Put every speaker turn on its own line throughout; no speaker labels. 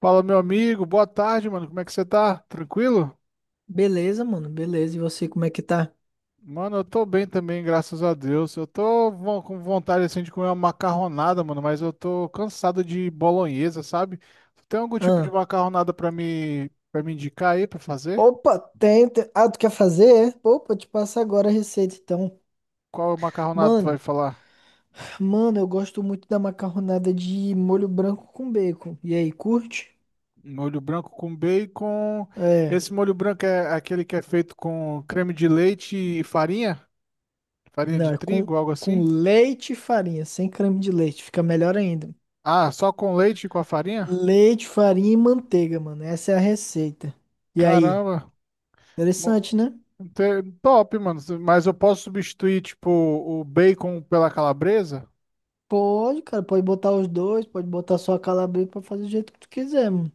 Fala, meu amigo, boa tarde, mano. Como é que você tá? Tranquilo?
Beleza, mano, beleza. E você, como é que tá?
Mano, eu tô bem também, graças a Deus. Eu tô com vontade assim de comer uma macarronada, mano, mas eu tô cansado de bolonhesa, sabe? Tu tem algum tipo de
Ah,
macarronada pra me para me indicar aí pra fazer?
Opa, tem. Tu quer fazer? É? Pô, te passa agora a receita, então.
Qual macarronada tu vai
Mano,
falar?
Mano, eu gosto muito da macarronada de molho branco com bacon. E aí, curte?
Molho branco com bacon.
É,
Esse molho branco é aquele que é feito com creme de leite e farinha? Farinha
não,
de trigo, algo
com
assim?
leite e farinha, sem creme de leite, fica melhor ainda.
Ah, só com leite e com a farinha?
Leite, farinha e manteiga, mano. Essa é a receita. E aí?
Caramba.
Interessante, né?
Top, mano. Mas eu posso substituir, tipo, o bacon pela calabresa?
Pode, cara, pode botar os dois, pode botar só a calabresa pra fazer do jeito que tu quiser, mano.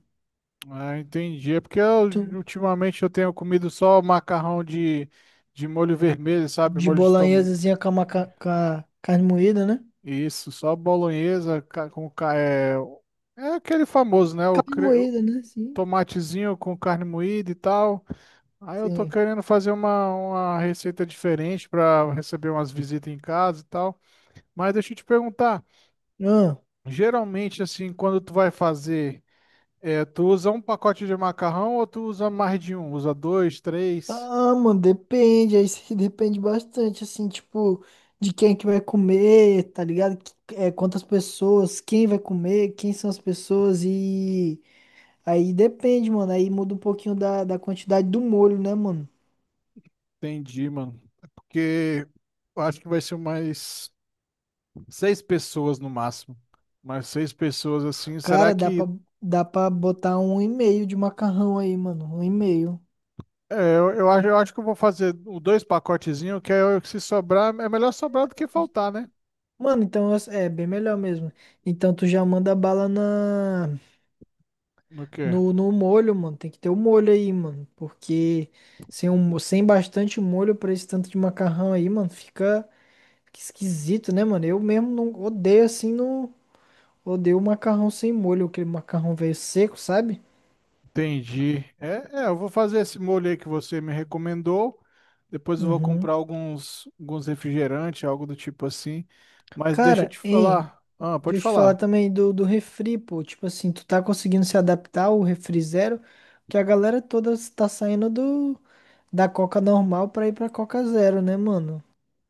Ah, entendi. É porque ultimamente eu tenho comido só macarrão de molho vermelho, sabe?
De
Molho de tomate.
bolonhesazinha com uma com a carne moída, né?
Isso, só bolonhesa é, é aquele famoso, né?
Carne
O
moída, né? Sim,
tomatezinho com carne moída e tal. Aí eu tô
sim.
querendo fazer uma receita diferente para receber umas visitas em casa e tal. Mas deixa eu te perguntar,
Ah,
geralmente assim, quando tu vai fazer é, tu usa um pacote de macarrão ou tu usa mais de um? Usa dois, três?
ah, mano, depende. Aí se depende bastante, assim, tipo, de quem que vai comer, tá ligado? É, quantas pessoas, quem vai comer, quem são as pessoas e... Aí depende, mano. Aí muda um pouquinho da quantidade do molho, né, mano?
Entendi, mano. Porque eu acho que vai ser mais seis pessoas no máximo. Mais seis pessoas assim. Será
Cara, dá
que.
pra, dá pra botar um e meio de macarrão aí, mano. Um e meio.
Eu acho que eu vou fazer o dois pacotezinhos, se sobrar, é melhor sobrar do que faltar, né?
Mano, então é bem melhor mesmo. Então tu já manda bala na
No quê?
no molho, mano. Tem que ter o molho aí, mano, porque sem sem bastante molho pra esse tanto de macarrão aí, mano, fica esquisito, né, mano? Eu mesmo não odeio assim, não odeio o macarrão sem molho, aquele macarrão velho seco, sabe?
Entendi. Eu vou fazer esse molho aí que você me recomendou. Depois eu vou
Uhum.
comprar alguns refrigerantes, algo do tipo assim. Mas deixa eu
Cara,
te
hein?
falar. Ah, pode
Deixa eu te falar
falar.
também do refri, pô. Tipo assim, tu tá conseguindo se adaptar ao refri zero, que a galera toda tá saindo do da Coca normal pra ir pra Coca zero, né, mano?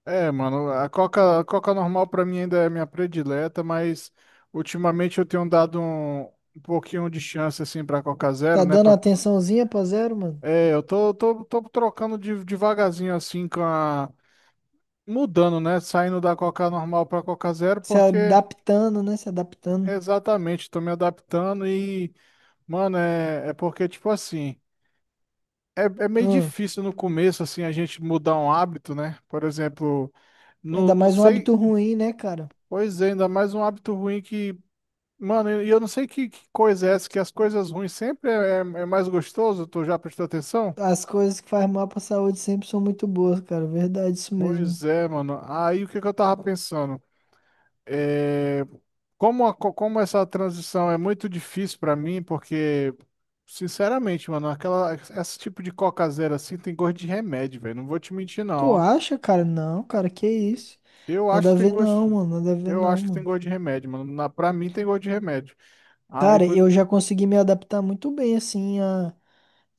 É, mano, a Coca normal pra mim ainda é minha predileta, mas ultimamente eu tenho dado um pouquinho de chance assim pra Coca
Tá
Zero, né?
dando
Pra,
atençãozinha pra zero, mano?
é, eu tô trocando devagarzinho assim com a. Mudando, né? Saindo da Coca normal pra Coca Zero,
Se
porque.
adaptando, né? Se adaptando.
Exatamente, tô me adaptando e, mano, é porque, tipo assim, é meio
Hum.
difícil no começo, assim, a gente mudar um hábito, né? Por exemplo,
Ainda
não
mais um
sei,
hábito ruim, né, cara?
pois é, ainda mais um hábito ruim que, mano, e eu não sei que coisa é essa, que as coisas ruins sempre é mais gostoso, tu já prestou atenção?
As coisas que faz mal pra saúde sempre são muito boas, cara. Verdade, isso mesmo.
Pois é, mano, aí o que que eu tava pensando? É, como, como essa transição é muito difícil para mim, porque, sinceramente, mano, esse tipo de cocazeira assim tem gosto de remédio, velho. Não vou te mentir, não.
Tu
Ó.
acha, cara? Não, cara, que isso?
Eu acho
Nada
que
a
tem
ver não,
gosto.
mano. Nada a ver
Eu
não,
acho que tem
mano.
gosto de remédio, mano. Pra mim tem gosto de remédio. Aí,
Cara,
por,
eu já consegui me adaptar muito bem, assim,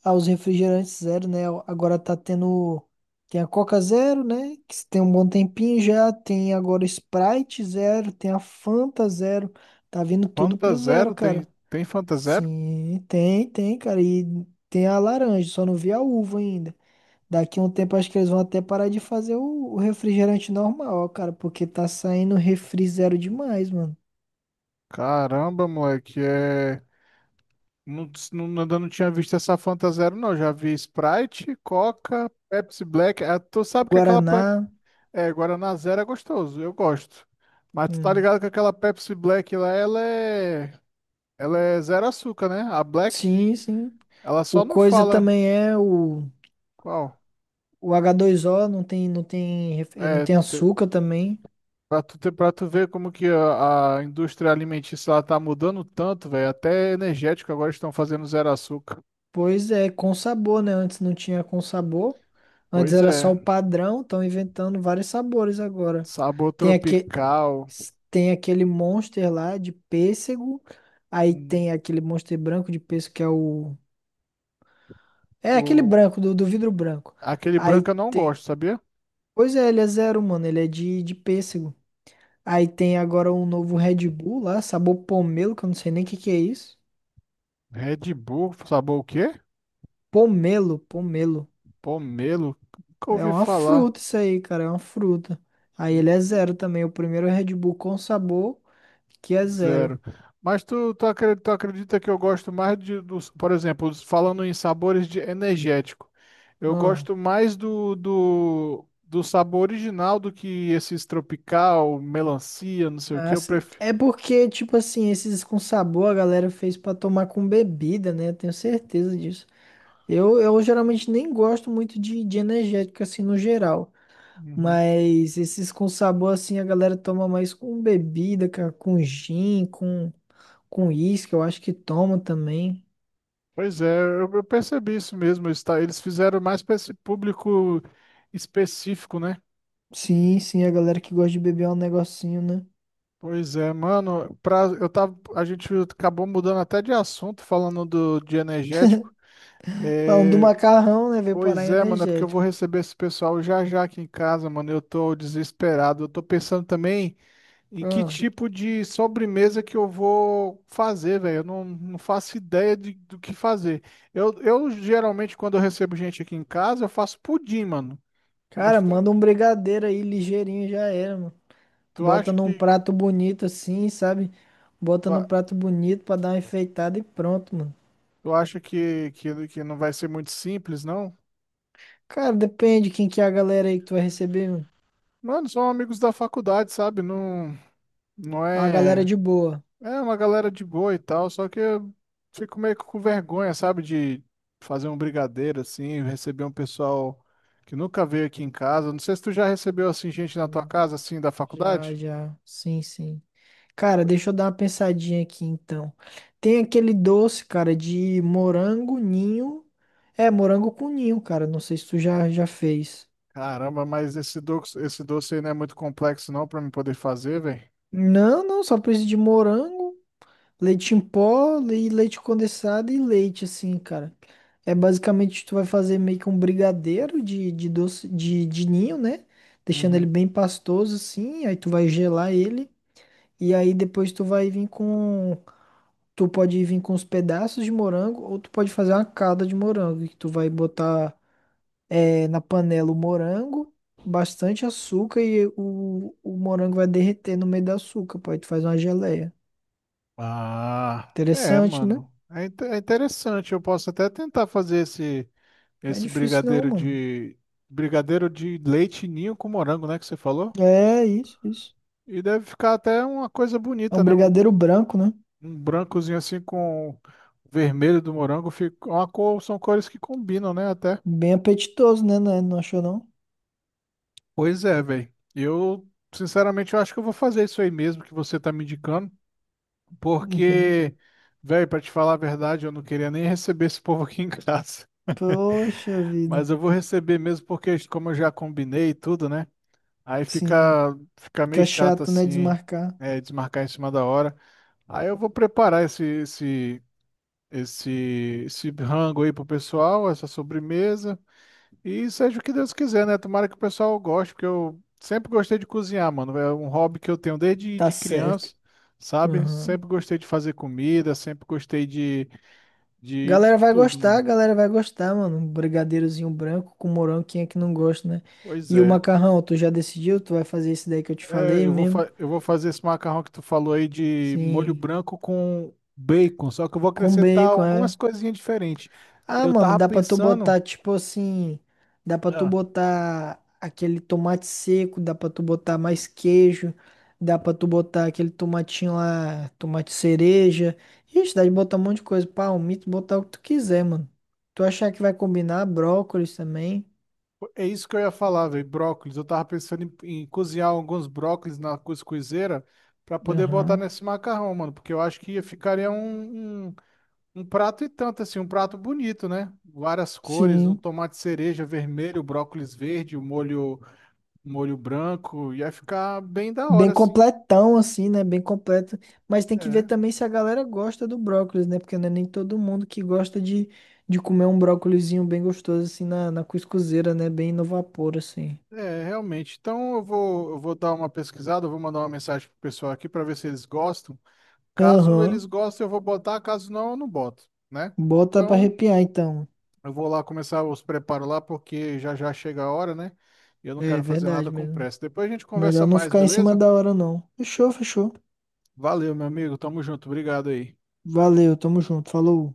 aos refrigerantes zero, né? Agora tá tendo. Tem a Coca Zero, né? Que tem um bom tempinho já. Tem agora Sprite Zero. Tem a Fanta Zero. Tá vindo tudo
Fanta
pro
Zero?
zero,
Tem,
cara.
tem Fanta Zero?
Sim, tem, tem, cara. E tem a laranja, só não vi a uva ainda. Daqui a um tempo acho que eles vão até parar de fazer o refrigerante normal, cara, porque tá saindo refri zero demais, mano.
Caramba, moleque, é. Não, não, ainda não tinha visto essa Fanta Zero, não. Já vi Sprite, Coca, Pepsi Black. Ah, tu sabe que aquela.
Guaraná.
É, Guaraná Zero é gostoso, eu gosto. Mas tu tá
Hum,
ligado que aquela Pepsi Black lá, ela é. Ela é zero açúcar, né? A Black,
sim, sim.
ela
O
só não
coisa
fala
também é
qual.
o h dois o não tem, não
É,
tem açúcar também.
pra tu ver como que a indústria alimentícia ela tá mudando tanto, velho. Até energético agora estão fazendo zero açúcar.
Pois é, com sabor, né? Antes não tinha com sabor. Antes
Pois
era só
é,
o padrão, estão inventando vários sabores agora.
sabor
Tem aque,
tropical.
tem aquele Monster lá de pêssego. Aí
Hum,
tem aquele Monster branco de pêssego que é o. É aquele
o
branco, do vidro branco.
aquele
Aí
branco eu não
tem.
gosto, sabia?
Pois é, ele é zero, mano. Ele é de pêssego. Aí tem agora um novo Red Bull lá, sabor pomelo, que eu não sei nem o que que é isso.
Red Bull, sabor o quê?
Pomelo, pomelo.
Pomelo, nunca
É
ouvi
uma
falar.
fruta isso aí, cara, é uma fruta. Aí ele é
Nunca-
zero também, o primeiro Red Bull com sabor que é zero.
Zero. Tu acredita que eu gosto mais por exemplo, falando em sabores de energético, eu
Hum.
gosto mais do sabor original do que esses tropical, melancia, não sei o que,
Ah,
eu
sim.
prefiro.
É porque, tipo assim, esses com sabor a galera fez pra tomar com bebida, né? Eu tenho certeza disso. Eu geralmente nem gosto muito de energético assim no geral.
Uhum.
Mas esses com sabor, assim, a galera toma mais com bebida, cara, com gin, com uísque, eu acho que toma também.
Pois é, eu percebi isso mesmo. Eles fizeram mais para esse público específico, né?
Sim, sim, a galera que gosta de beber é um negocinho, né?
Pois é, mano, pra, eu tava, a gente acabou mudando até de assunto, falando do, de energético.
Falando do
É,
macarrão, né? Veio parar
pois
em
é, mano, é porque eu vou
energético.
receber esse pessoal já já aqui em casa, mano. Eu tô desesperado. Eu tô pensando também em que
Ah,
tipo de sobremesa que eu vou fazer, velho. Eu não faço ideia de, do que fazer. Eu geralmente, quando eu recebo gente aqui em casa, eu faço pudim, mano.
cara,
Mas tu,
manda um brigadeiro aí, ligeirinho, já era, mano.
tu
Bota
acha
num
que,
prato bonito assim, sabe? Bota num prato bonito pra dar uma enfeitada e pronto, mano.
tu acha que não vai ser muito simples, não?
Cara, depende quem que é a galera aí que tu vai receber, mano.
Mano, são amigos da faculdade, sabe? Não, não
A galera
é.
de boa.
É uma galera de boa e tal, só que eu fico meio que com vergonha, sabe? De fazer um brigadeiro assim, receber um pessoal que nunca veio aqui em casa. Não sei se tu já recebeu assim gente na tua casa, assim, da
Já,
faculdade.
já. Sim, sim. Cara, deixa eu dar uma pensadinha aqui então. Tem aquele doce, cara, de morango ninho. É, morango com ninho, cara. Não sei se tu já, já fez.
Caramba, mas esse doce aí não é muito complexo não pra mim poder fazer, velho.
Não, não, só precisa de morango, leite em pó e leite condensado e leite, assim, cara. É basicamente tu vai fazer meio que um brigadeiro de doce de ninho, né? Deixando ele
Uhum.
bem pastoso, assim. Aí tu vai gelar ele. E aí depois tu vai vir com, tu pode vir com os pedaços de morango ou tu pode fazer uma calda de morango, que tu vai botar eh, na panela o morango, bastante açúcar e o morango vai derreter no meio do açúcar, pô, aí tu faz uma geleia.
Ah, é,
Interessante, né?
mano. É interessante. Eu posso até tentar fazer esse.
Não é
Esse
difícil não,
brigadeiro
mano.
de. Brigadeiro de leite ninho com morango, né? Que você falou?
É isso, isso.
E deve ficar até uma coisa
É
bonita,
um
né? Um,
brigadeiro branco, né?
um brancozinho assim com o vermelho do morango. Fica uma cor, são cores que combinam, né? Até.
Bem apetitoso, né? Não, não achou não?
Pois é, velho. Eu, sinceramente, eu acho que eu vou fazer isso aí mesmo que você tá me indicando.
Uhum.
Porque, velho, pra te falar a verdade, eu não queria nem receber esse povo aqui em casa.
Poxa vida.
Mas eu vou receber mesmo porque, como eu já combinei e tudo, né? Aí
Sim.
fica, fica meio
Fica
chato
chato, né?
assim,
Desmarcar.
é, desmarcar em cima da hora. Aí eu vou preparar esse, esse rango aí pro pessoal, essa sobremesa. E seja o que Deus quiser, né? Tomara que o pessoal goste, porque eu sempre gostei de cozinhar, mano. É um hobby que eu tenho desde
Tá
de
certo.
criança, sabe?
Uhum.
Sempre gostei de fazer comida, sempre gostei de tudo, mano.
Galera vai gostar, mano. Um brigadeirozinho branco com morango, quem é que não gosta, né?
Pois
E o
é.
macarrão, tu já decidiu? Tu vai fazer esse daí que eu te falei
Eu vou,
mesmo?
eu vou fazer esse macarrão que tu falou aí de molho
Sim.
branco com bacon, só que eu vou
Com
acrescentar
bacon, é.
algumas coisinhas diferentes.
Ah,
Eu
mano,
tava
dá pra tu
pensando,
botar, tipo assim. Dá pra tu
ah,
botar aquele tomate seco, dá pra tu botar mais queijo, dá pra tu botar aquele tomatinho lá, tomate cereja. Ixi, dá de botar um monte de coisa. Palmito, botar o que tu quiser, mano. Tu achar que vai combinar, brócolis também.
é isso que eu ia falar, velho, brócolis. Eu tava pensando em cozinhar alguns brócolis na cuscuzeira pra poder botar
Aham.
nesse macarrão, mano, porque eu acho que ia ficaria um prato e tanto, assim, um prato bonito, né? Várias cores, um
Sim,
tomate cereja vermelho, brócolis verde, o molho, molho branco, ia ficar bem da hora,
bem
assim.
completão assim, né? Bem completo. Mas tem que ver
É.
também se a galera gosta do brócolis, né? Porque não é nem todo mundo que gosta de comer um brócolizinho bem gostoso assim na, na cuscuzeira, né? Bem no vapor assim.
É, realmente. Então eu vou dar uma pesquisada, eu vou mandar uma mensagem pro pessoal aqui para ver se eles gostam. Caso eles
Aham.
gostem, eu vou botar, caso não, eu não boto, né?
Bota pra
Então
arrepiar então.
eu vou lá começar os preparos lá, porque já já chega a hora, né? E eu não
É
quero fazer nada
verdade
com
mesmo.
pressa. Depois a gente conversa
Melhor não
mais,
ficar em cima
beleza?
da hora não. Fechou, fechou.
Valeu, meu amigo. Tamo junto. Obrigado aí.
Valeu, tamo junto. Falou.